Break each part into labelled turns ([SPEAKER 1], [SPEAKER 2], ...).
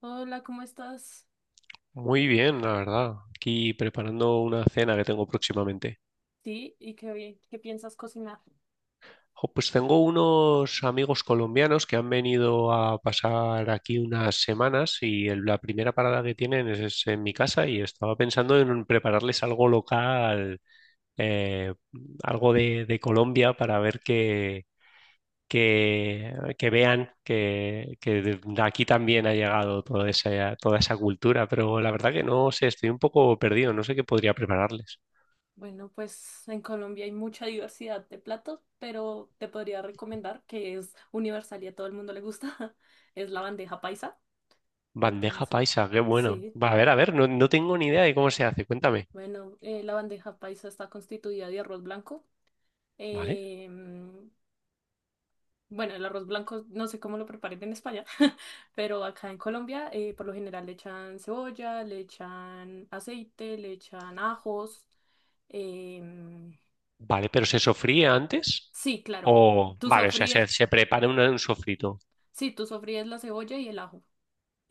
[SPEAKER 1] Hola, ¿cómo estás?
[SPEAKER 2] Muy bien, la verdad. Aquí preparando una cena que tengo próximamente.
[SPEAKER 1] Sí, ¿y qué, qué piensas cocinar?
[SPEAKER 2] Jo, pues tengo unos amigos colombianos que han venido a pasar aquí unas semanas y la primera parada que tienen es en mi casa y estaba pensando en prepararles algo local, eh, algo de Colombia para ver que vean que de aquí también ha llegado toda esa cultura. Pero la verdad que no sé, estoy un poco perdido, no sé qué podría prepararles.
[SPEAKER 1] Bueno, pues en Colombia hay mucha diversidad de platos, pero te podría recomendar que es universal y a todo el mundo le gusta, es la bandeja paisa.
[SPEAKER 2] Bandeja
[SPEAKER 1] Entonces,
[SPEAKER 2] paisa, qué bueno.
[SPEAKER 1] sí,
[SPEAKER 2] Va, a ver, no tengo ni idea de cómo se hace, cuéntame.
[SPEAKER 1] bueno, la bandeja paisa está constituida de arroz blanco.
[SPEAKER 2] ¿Vale?
[SPEAKER 1] em, Bueno, el arroz blanco no sé cómo lo preparen en España, pero acá en Colombia por lo general le echan cebolla, le echan aceite, le echan ajos. em,
[SPEAKER 2] Vale, pero ¿se sofría antes?
[SPEAKER 1] sí, claro,
[SPEAKER 2] O
[SPEAKER 1] tú
[SPEAKER 2] vale, o sea,
[SPEAKER 1] sofríes,
[SPEAKER 2] se prepara un sofrito.
[SPEAKER 1] sí, tú sofríes la cebolla y el ajo.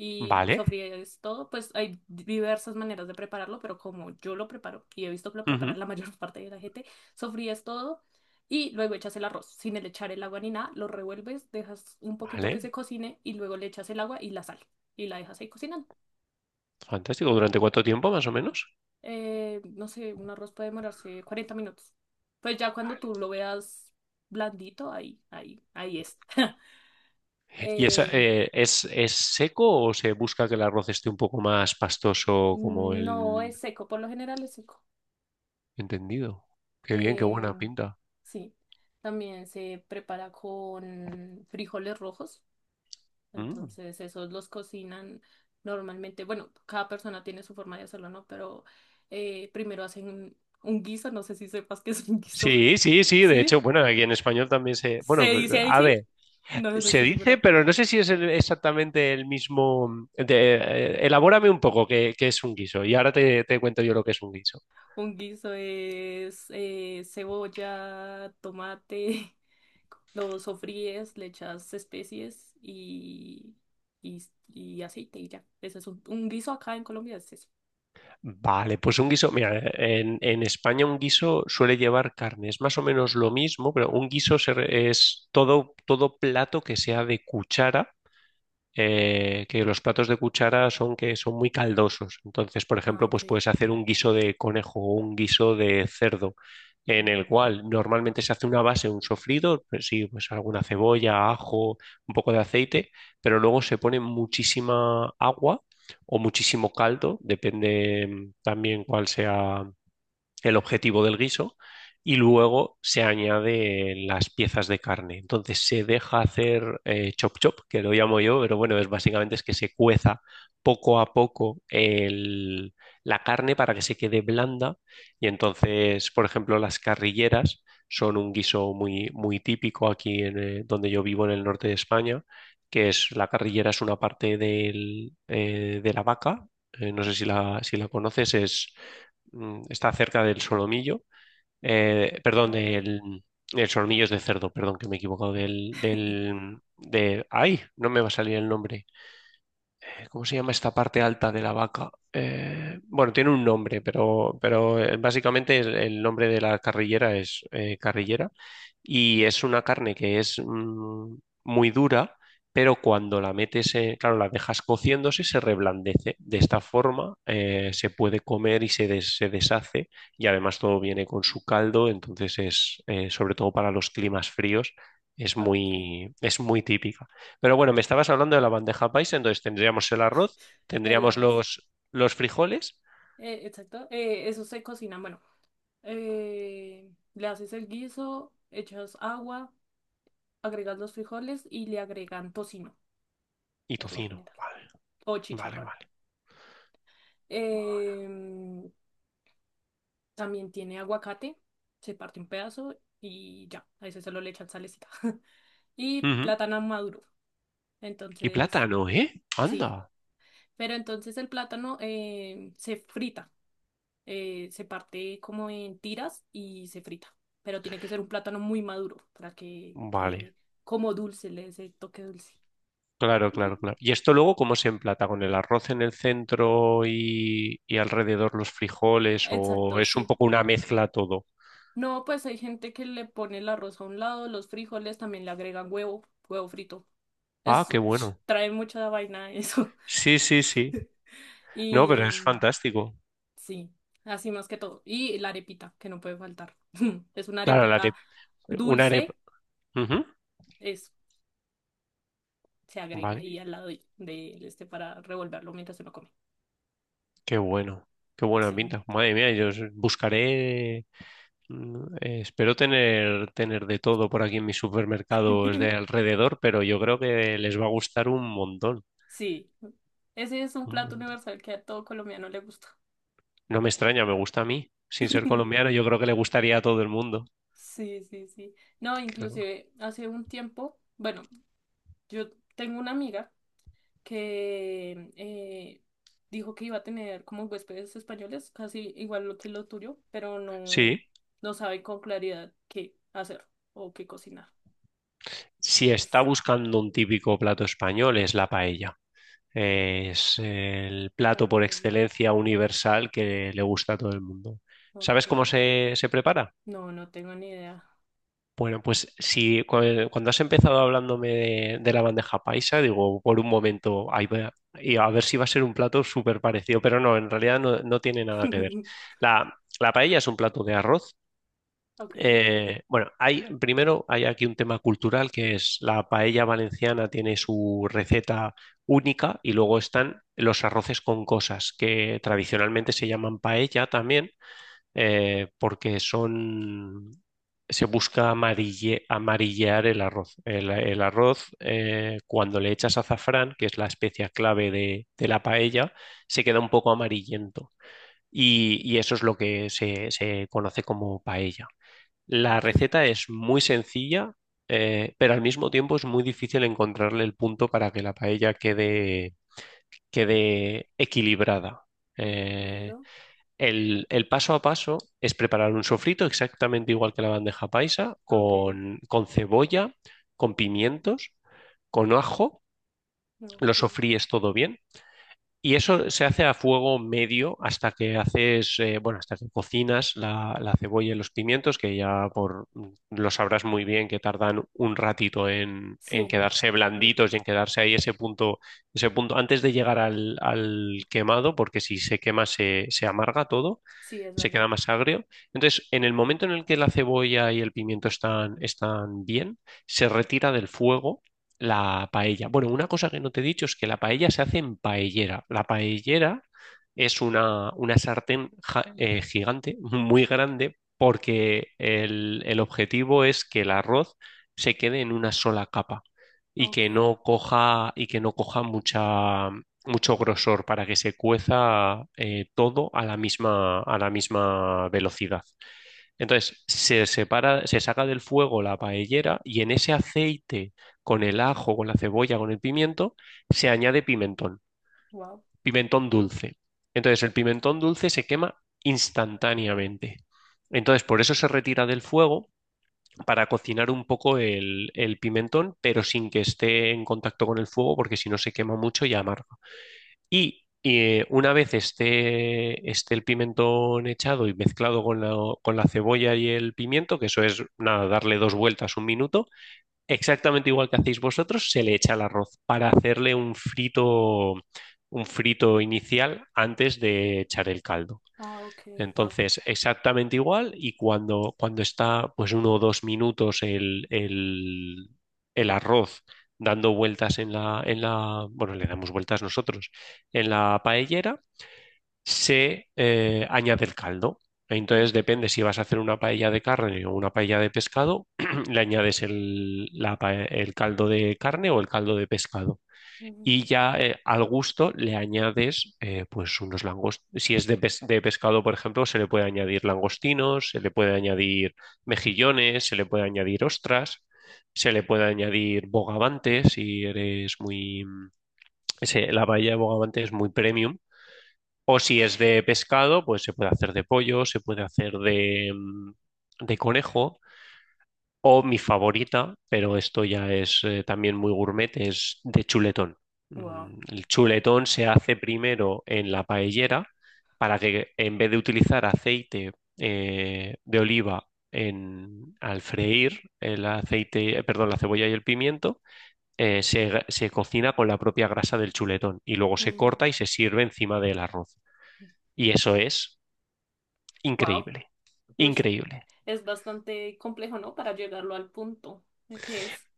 [SPEAKER 1] Y
[SPEAKER 2] Vale.
[SPEAKER 1] sofríes todo, pues hay diversas maneras de prepararlo, pero como yo lo preparo y he visto que lo prepara
[SPEAKER 2] Ujú.
[SPEAKER 1] la mayor parte de la gente, sofríes todo y luego echas el arroz sin el echar el agua ni nada, lo revuelves, dejas un poquito que
[SPEAKER 2] Vale,
[SPEAKER 1] se cocine y luego le echas el agua y la sal y la dejas ahí cocinando.
[SPEAKER 2] fantástico. ¿Durante cuánto tiempo, más o menos?
[SPEAKER 1] No sé, un arroz puede demorarse 40 minutos. Pues ya cuando tú lo veas blandito, ahí, ahí, ahí es.
[SPEAKER 2] ¿Y esa,
[SPEAKER 1] Eh,
[SPEAKER 2] es seco o se busca que el arroz esté un poco más pastoso como el
[SPEAKER 1] no es seco, por lo general es seco.
[SPEAKER 2] entendido? Qué bien, qué
[SPEAKER 1] Eh,
[SPEAKER 2] buena pinta.
[SPEAKER 1] sí, también se prepara con frijoles rojos,
[SPEAKER 2] Mm.
[SPEAKER 1] entonces esos los cocinan normalmente, bueno, cada persona tiene su forma de hacerlo, ¿no? Pero primero hacen un guiso, no sé si sepas qué es un guiso.
[SPEAKER 2] Sí, sí, sí. De
[SPEAKER 1] ¿Sí?
[SPEAKER 2] hecho, bueno, aquí en español también se...
[SPEAKER 1] ¿Se
[SPEAKER 2] Bueno,
[SPEAKER 1] dice
[SPEAKER 2] pero,
[SPEAKER 1] ahí
[SPEAKER 2] a
[SPEAKER 1] sí?
[SPEAKER 2] ver.
[SPEAKER 1] No, no
[SPEAKER 2] Se
[SPEAKER 1] estoy
[SPEAKER 2] dice,
[SPEAKER 1] segura.
[SPEAKER 2] pero no sé si es exactamente el mismo. Elabórame un poco qué es un guiso y ahora te cuento yo lo que es un guiso.
[SPEAKER 1] Un guiso es cebolla, tomate, lo sofríes, le echas especies y, y aceite y ya. Ese es un guiso acá en Colombia, es eso.
[SPEAKER 2] Vale, pues un guiso, mira, en España un guiso suele llevar carne, es más o menos lo mismo, pero un guiso es todo, todo plato que sea de cuchara, que los platos de cuchara son que son muy caldosos. Entonces, por
[SPEAKER 1] Ah,
[SPEAKER 2] ejemplo, pues
[SPEAKER 1] ok.
[SPEAKER 2] puedes hacer un guiso de conejo o un guiso de cerdo, en el
[SPEAKER 1] Ok.
[SPEAKER 2] cual normalmente se hace una base, un sofrido, pues sí, pues alguna cebolla, ajo, un poco de aceite, pero luego se pone muchísima agua o muchísimo caldo, depende también cuál sea el objetivo del guiso y luego se añade las piezas de carne. Entonces se deja hacer chop chop, que lo llamo yo, pero bueno, es básicamente es que se cueza poco a poco la carne para que se quede blanda y entonces, por ejemplo, las carrilleras son un guiso muy, muy típico aquí en, donde yo vivo en el norte de España, que es, la carrillera es una parte del, de la vaca. No sé si si la conoces, es, mm, está cerca del solomillo, perdón,
[SPEAKER 1] Ok.
[SPEAKER 2] del... El solomillo es de cerdo, perdón, que me he equivocado, ay, no me va a salir el nombre. ¿Cómo se llama esta parte alta de la vaca? Bueno, tiene un nombre, pero básicamente el nombre de la carrillera es carrillera y es una carne que es, muy dura, pero cuando la metes, claro, la dejas cociéndose, se reblandece. De esta forma se puede comer y se deshace y además todo viene con su caldo, entonces es, sobre todo para los climas fríos,
[SPEAKER 1] Ah, ok.
[SPEAKER 2] es muy típica. Pero bueno, me estabas hablando de la bandeja paisa, entonces tendríamos el arroz,
[SPEAKER 1] El
[SPEAKER 2] tendríamos
[SPEAKER 1] arroz.
[SPEAKER 2] los frijoles
[SPEAKER 1] Exacto. Eso se cocina. Bueno, le haces el guiso, echas agua, agregas los frijoles y le agregan tocino,
[SPEAKER 2] y
[SPEAKER 1] por lo
[SPEAKER 2] tocino.
[SPEAKER 1] general.
[SPEAKER 2] Vale,
[SPEAKER 1] O
[SPEAKER 2] vale,
[SPEAKER 1] chicharrón.
[SPEAKER 2] vale.
[SPEAKER 1] Em, También tiene aguacate, se parte un pedazo y ya, a ese solo le echan salecita. Y
[SPEAKER 2] Ujú.
[SPEAKER 1] plátano maduro.
[SPEAKER 2] Y
[SPEAKER 1] Entonces,
[SPEAKER 2] plátano, ¿eh?
[SPEAKER 1] sí.
[SPEAKER 2] Anda.
[SPEAKER 1] Pero entonces el plátano se frita, se parte como en tiras y se frita. Pero tiene que ser un plátano muy maduro para que
[SPEAKER 2] Vale,
[SPEAKER 1] quede como dulce, le dé ese toque dulce.
[SPEAKER 2] claro, claro,
[SPEAKER 1] Y-
[SPEAKER 2] claro. ¿Y esto luego cómo se emplata? ¿Con el arroz en el centro y alrededor los frijoles? ¿O
[SPEAKER 1] Exacto,
[SPEAKER 2] es un
[SPEAKER 1] sí.
[SPEAKER 2] poco una mezcla todo?
[SPEAKER 1] No, pues hay gente que le pone el arroz a un lado, los frijoles también le agregan huevo, huevo frito.
[SPEAKER 2] Ah,
[SPEAKER 1] Es,
[SPEAKER 2] qué bueno.
[SPEAKER 1] trae mucha vaina eso.
[SPEAKER 2] Sí, sí, sí. No, pero es
[SPEAKER 1] Y
[SPEAKER 2] fantástico.
[SPEAKER 1] sí, así más que todo. Y la arepita, que no puede faltar. Es una
[SPEAKER 2] Claro, la
[SPEAKER 1] arepita
[SPEAKER 2] de una arepa.
[SPEAKER 1] dulce,
[SPEAKER 2] Ujú.
[SPEAKER 1] es, se agrega ahí
[SPEAKER 2] Vale,
[SPEAKER 1] al lado de este para revolverlo mientras uno come.
[SPEAKER 2] qué bueno. Qué buena
[SPEAKER 1] Sí.
[SPEAKER 2] pinta. Madre mía, yo buscaré. Espero tener, tener de todo por aquí en mis supermercados de alrededor, pero yo creo que les va a gustar un montón,
[SPEAKER 1] Sí, ese es un
[SPEAKER 2] un
[SPEAKER 1] plato
[SPEAKER 2] montón.
[SPEAKER 1] universal que a todo colombiano le gusta.
[SPEAKER 2] No me extraña, me gusta a mí. Sin ser colombiano, yo creo que le gustaría a todo el mundo,
[SPEAKER 1] Sí, sí, sí. No,
[SPEAKER 2] creo.
[SPEAKER 1] inclusive hace un tiempo, bueno, yo tengo una amiga que dijo que iba a tener como huéspedes españoles, casi igual lo que lo tuyo, pero
[SPEAKER 2] Sí,
[SPEAKER 1] no, no sabe con claridad qué hacer o qué cocinar.
[SPEAKER 2] si está
[SPEAKER 1] Entonces,
[SPEAKER 2] buscando un típico plato español, es la paella. Es el
[SPEAKER 1] está
[SPEAKER 2] plato por
[SPEAKER 1] para ello.
[SPEAKER 2] excelencia universal que le gusta a todo el mundo. ¿Sabes cómo
[SPEAKER 1] Ok.
[SPEAKER 2] se prepara?
[SPEAKER 1] No, no tengo ni idea.
[SPEAKER 2] Bueno, pues si cuando has empezado hablándome de la bandeja paisa, digo, por un momento, ahí va, y a ver si va a ser un plato súper parecido, pero no, en realidad no, no tiene nada que ver. La paella es un plato de arroz.
[SPEAKER 1] Ok,
[SPEAKER 2] Bueno, hay, primero hay aquí un tema cultural, que es, la paella valenciana tiene su receta única y luego están los arroces con cosas que tradicionalmente se llaman paella también, porque son, se busca amarillear el arroz. El arroz, cuando le echas azafrán, que es la especia clave de la paella, se queda un poco amarillento. Y eso es lo que se conoce como paella. La
[SPEAKER 1] ok,
[SPEAKER 2] receta es muy sencilla, pero al mismo tiempo es muy difícil encontrarle el punto para que la paella quede, quede equilibrada. Eh,
[SPEAKER 1] entiendo.
[SPEAKER 2] el paso a paso es preparar un sofrito exactamente igual que la bandeja paisa,
[SPEAKER 1] Ok,
[SPEAKER 2] con cebolla, con pimientos, con ajo, lo
[SPEAKER 1] ok.
[SPEAKER 2] sofríes todo bien y eso se hace a fuego medio hasta que haces, bueno, hasta que cocinas la cebolla y los pimientos, que ya por, mm, lo sabrás muy bien, que tardan un ratito en
[SPEAKER 1] Sí,
[SPEAKER 2] quedarse blanditos y en quedarse ahí ese punto antes de llegar al quemado, porque si se quema se amarga todo,
[SPEAKER 1] sí, es
[SPEAKER 2] se
[SPEAKER 1] verdad.
[SPEAKER 2] queda más agrio. Entonces, en el momento en el que la cebolla y el pimiento están, están bien, se retira del fuego la paella. Bueno, una cosa que no te he dicho es que la paella se hace en paellera. La paellera es una sartén gigante, muy grande, porque el objetivo es que el arroz se quede en una sola capa y
[SPEAKER 1] Ok,
[SPEAKER 2] que no coja, y que no coja mucha, mucho grosor para que se cueza todo a la misma velocidad. Entonces se separa, se saca del fuego la paellera y en ese aceite, con el ajo, con la cebolla, con el pimiento, se añade pimentón,
[SPEAKER 1] wow.
[SPEAKER 2] pimentón dulce. Entonces el pimentón dulce se quema instantáneamente. Entonces por eso se retira del fuego para cocinar un poco el pimentón, pero sin que esté en contacto con el fuego, porque si no se quema mucho y amarga. Y una vez esté, esté el pimentón echado y mezclado con con la cebolla y el pimiento, que eso es nada, darle dos vueltas, un minuto, exactamente igual que hacéis vosotros, se le echa el arroz para hacerle un frito inicial antes de echar el caldo.
[SPEAKER 1] Ah, ok, wow.
[SPEAKER 2] Entonces, exactamente igual, y cuando, cuando está pues uno o dos minutos el arroz dando vueltas en en la, bueno, le damos vueltas nosotros, en la paellera, se añade el caldo. Entonces,
[SPEAKER 1] Wow.
[SPEAKER 2] depende si vas a hacer una paella de carne o una paella de pescado, le añades el caldo de carne o el caldo de pescado y ya al gusto le añades pues unos langostinos. Si es de pescado, por ejemplo, se le puede añadir langostinos, se le puede añadir mejillones, se le puede añadir ostras, se le puede añadir bogavante si eres muy... mm, la paella de bogavante es muy premium. O si es de pescado, pues se puede hacer de pollo, se puede hacer de, mm, de conejo. O mi favorita, pero esto ya es también muy gourmet, es de chuletón.
[SPEAKER 1] Wow.
[SPEAKER 2] Mm, el chuletón se hace primero en la paellera para que en vez de utilizar aceite de oliva en, al freír el aceite, perdón, la cebolla y el pimiento, se cocina con la propia grasa del chuletón y luego se
[SPEAKER 1] Mm,
[SPEAKER 2] corta y se sirve encima del arroz. Y eso es
[SPEAKER 1] wow.
[SPEAKER 2] increíble, increíble.
[SPEAKER 1] Es bastante complejo, ¿no? Para llegarlo al punto que es.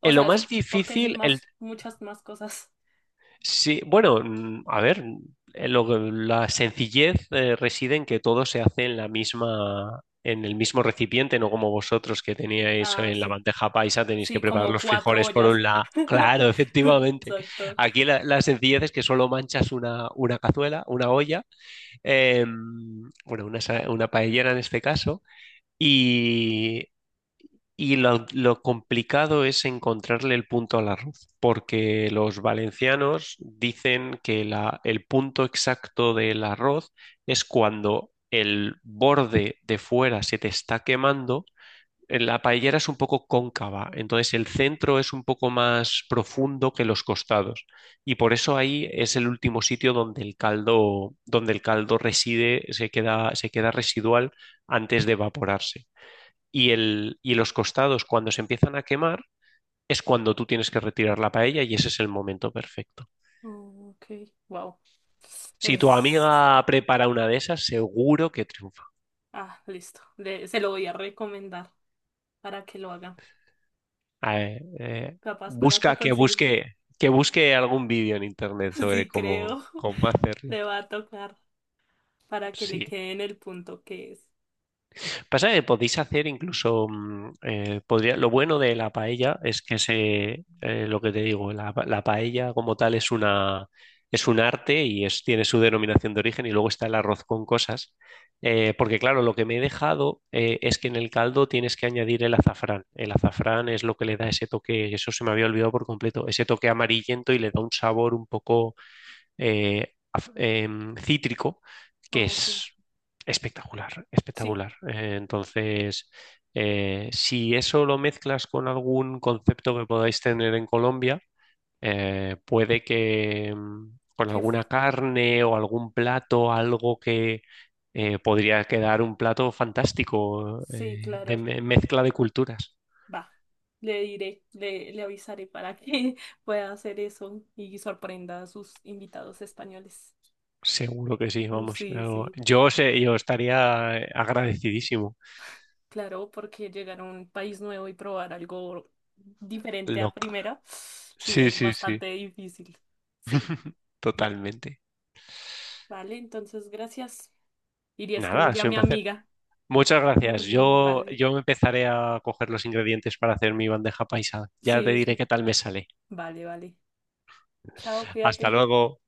[SPEAKER 1] O
[SPEAKER 2] En lo
[SPEAKER 1] sea, es
[SPEAKER 2] más
[SPEAKER 1] porque es
[SPEAKER 2] difícil,
[SPEAKER 1] más, muchas más cosas.
[SPEAKER 2] sí, bueno, mm, a ver, lo que, la sencillez reside en que todo se hace en la misma, en el mismo recipiente, no como vosotros que teníais
[SPEAKER 1] Ah,
[SPEAKER 2] en la
[SPEAKER 1] sí.
[SPEAKER 2] bandeja paisa, tenéis que
[SPEAKER 1] Sí,
[SPEAKER 2] preparar
[SPEAKER 1] como
[SPEAKER 2] los
[SPEAKER 1] cuatro
[SPEAKER 2] frijoles por
[SPEAKER 1] ollas.
[SPEAKER 2] un lado. Claro, efectivamente.
[SPEAKER 1] Exacto.
[SPEAKER 2] Aquí la sencillez es que solo manchas una cazuela, una olla, bueno, una paellera en este caso, y lo complicado es encontrarle el punto al arroz, porque los valencianos dicen que el punto exacto del arroz es cuando el borde de fuera se te está quemando. La paellera es un poco cóncava, entonces el centro es un poco más profundo que los costados. Y por eso ahí es el último sitio donde el caldo reside, se queda residual antes de evaporarse y los costados, cuando se empiezan a quemar, es cuando tú tienes que retirar la paella y ese es el momento perfecto.
[SPEAKER 1] Oh, ok, wow.
[SPEAKER 2] Si tu
[SPEAKER 1] Es.
[SPEAKER 2] amiga prepara una de esas, seguro que triunfa.
[SPEAKER 1] Ah, listo. Se lo voy a recomendar para que lo haga.
[SPEAKER 2] Eh, eh,
[SPEAKER 1] Capaz para
[SPEAKER 2] Busca
[SPEAKER 1] que consiga.
[SPEAKER 2] que busque algún vídeo en internet sobre
[SPEAKER 1] Sí,
[SPEAKER 2] cómo,
[SPEAKER 1] creo.
[SPEAKER 2] cómo hacerlo.
[SPEAKER 1] Le va a tocar para que le
[SPEAKER 2] Sí.
[SPEAKER 1] quede en el punto que es.
[SPEAKER 2] Pasa que podéis hacer incluso, mm, lo bueno de la paella es que se, lo que te digo, la paella como tal es una, es un arte y es, tiene su denominación de origen y luego está el arroz con cosas. Porque claro, lo que me he dejado es que en el caldo tienes que añadir el azafrán. El azafrán es lo que le da ese toque, eso se me había olvidado por completo, ese toque amarillento y le da un sabor un poco cítrico,
[SPEAKER 1] Ah,
[SPEAKER 2] que
[SPEAKER 1] ok.
[SPEAKER 2] es espectacular,
[SPEAKER 1] Sí,
[SPEAKER 2] espectacular. Entonces, si eso lo mezclas con algún concepto que podáis tener en Colombia, puede que con
[SPEAKER 1] que f-
[SPEAKER 2] alguna carne o algún plato, algo que podría quedar un plato fantástico
[SPEAKER 1] sí, claro.
[SPEAKER 2] mezcla de culturas.
[SPEAKER 1] Va, le diré, le avisaré para que pueda hacer eso y sorprenda a sus invitados españoles.
[SPEAKER 2] Seguro que sí, vamos.
[SPEAKER 1] Sí, sí,
[SPEAKER 2] Yo sé, yo estaría agradecidísimo.
[SPEAKER 1] claro, porque llegar a un país nuevo y probar algo diferente a
[SPEAKER 2] Loca.
[SPEAKER 1] primera, sí,
[SPEAKER 2] Sí,
[SPEAKER 1] es
[SPEAKER 2] sí, sí.
[SPEAKER 1] bastante difícil. Sí,
[SPEAKER 2] Totalmente.
[SPEAKER 1] vale, entonces gracias. Iría a
[SPEAKER 2] Nada, ha
[SPEAKER 1] escribirle a
[SPEAKER 2] sido un
[SPEAKER 1] mi
[SPEAKER 2] placer.
[SPEAKER 1] amiga.
[SPEAKER 2] Muchas gracias.
[SPEAKER 1] Vale,
[SPEAKER 2] Yo me empezaré a coger los ingredientes para hacer mi bandeja paisa. Ya te
[SPEAKER 1] sí,
[SPEAKER 2] diré
[SPEAKER 1] sí.
[SPEAKER 2] qué tal me sale.
[SPEAKER 1] Vale, vale. Chao,
[SPEAKER 2] Hasta
[SPEAKER 1] cuídate.
[SPEAKER 2] luego.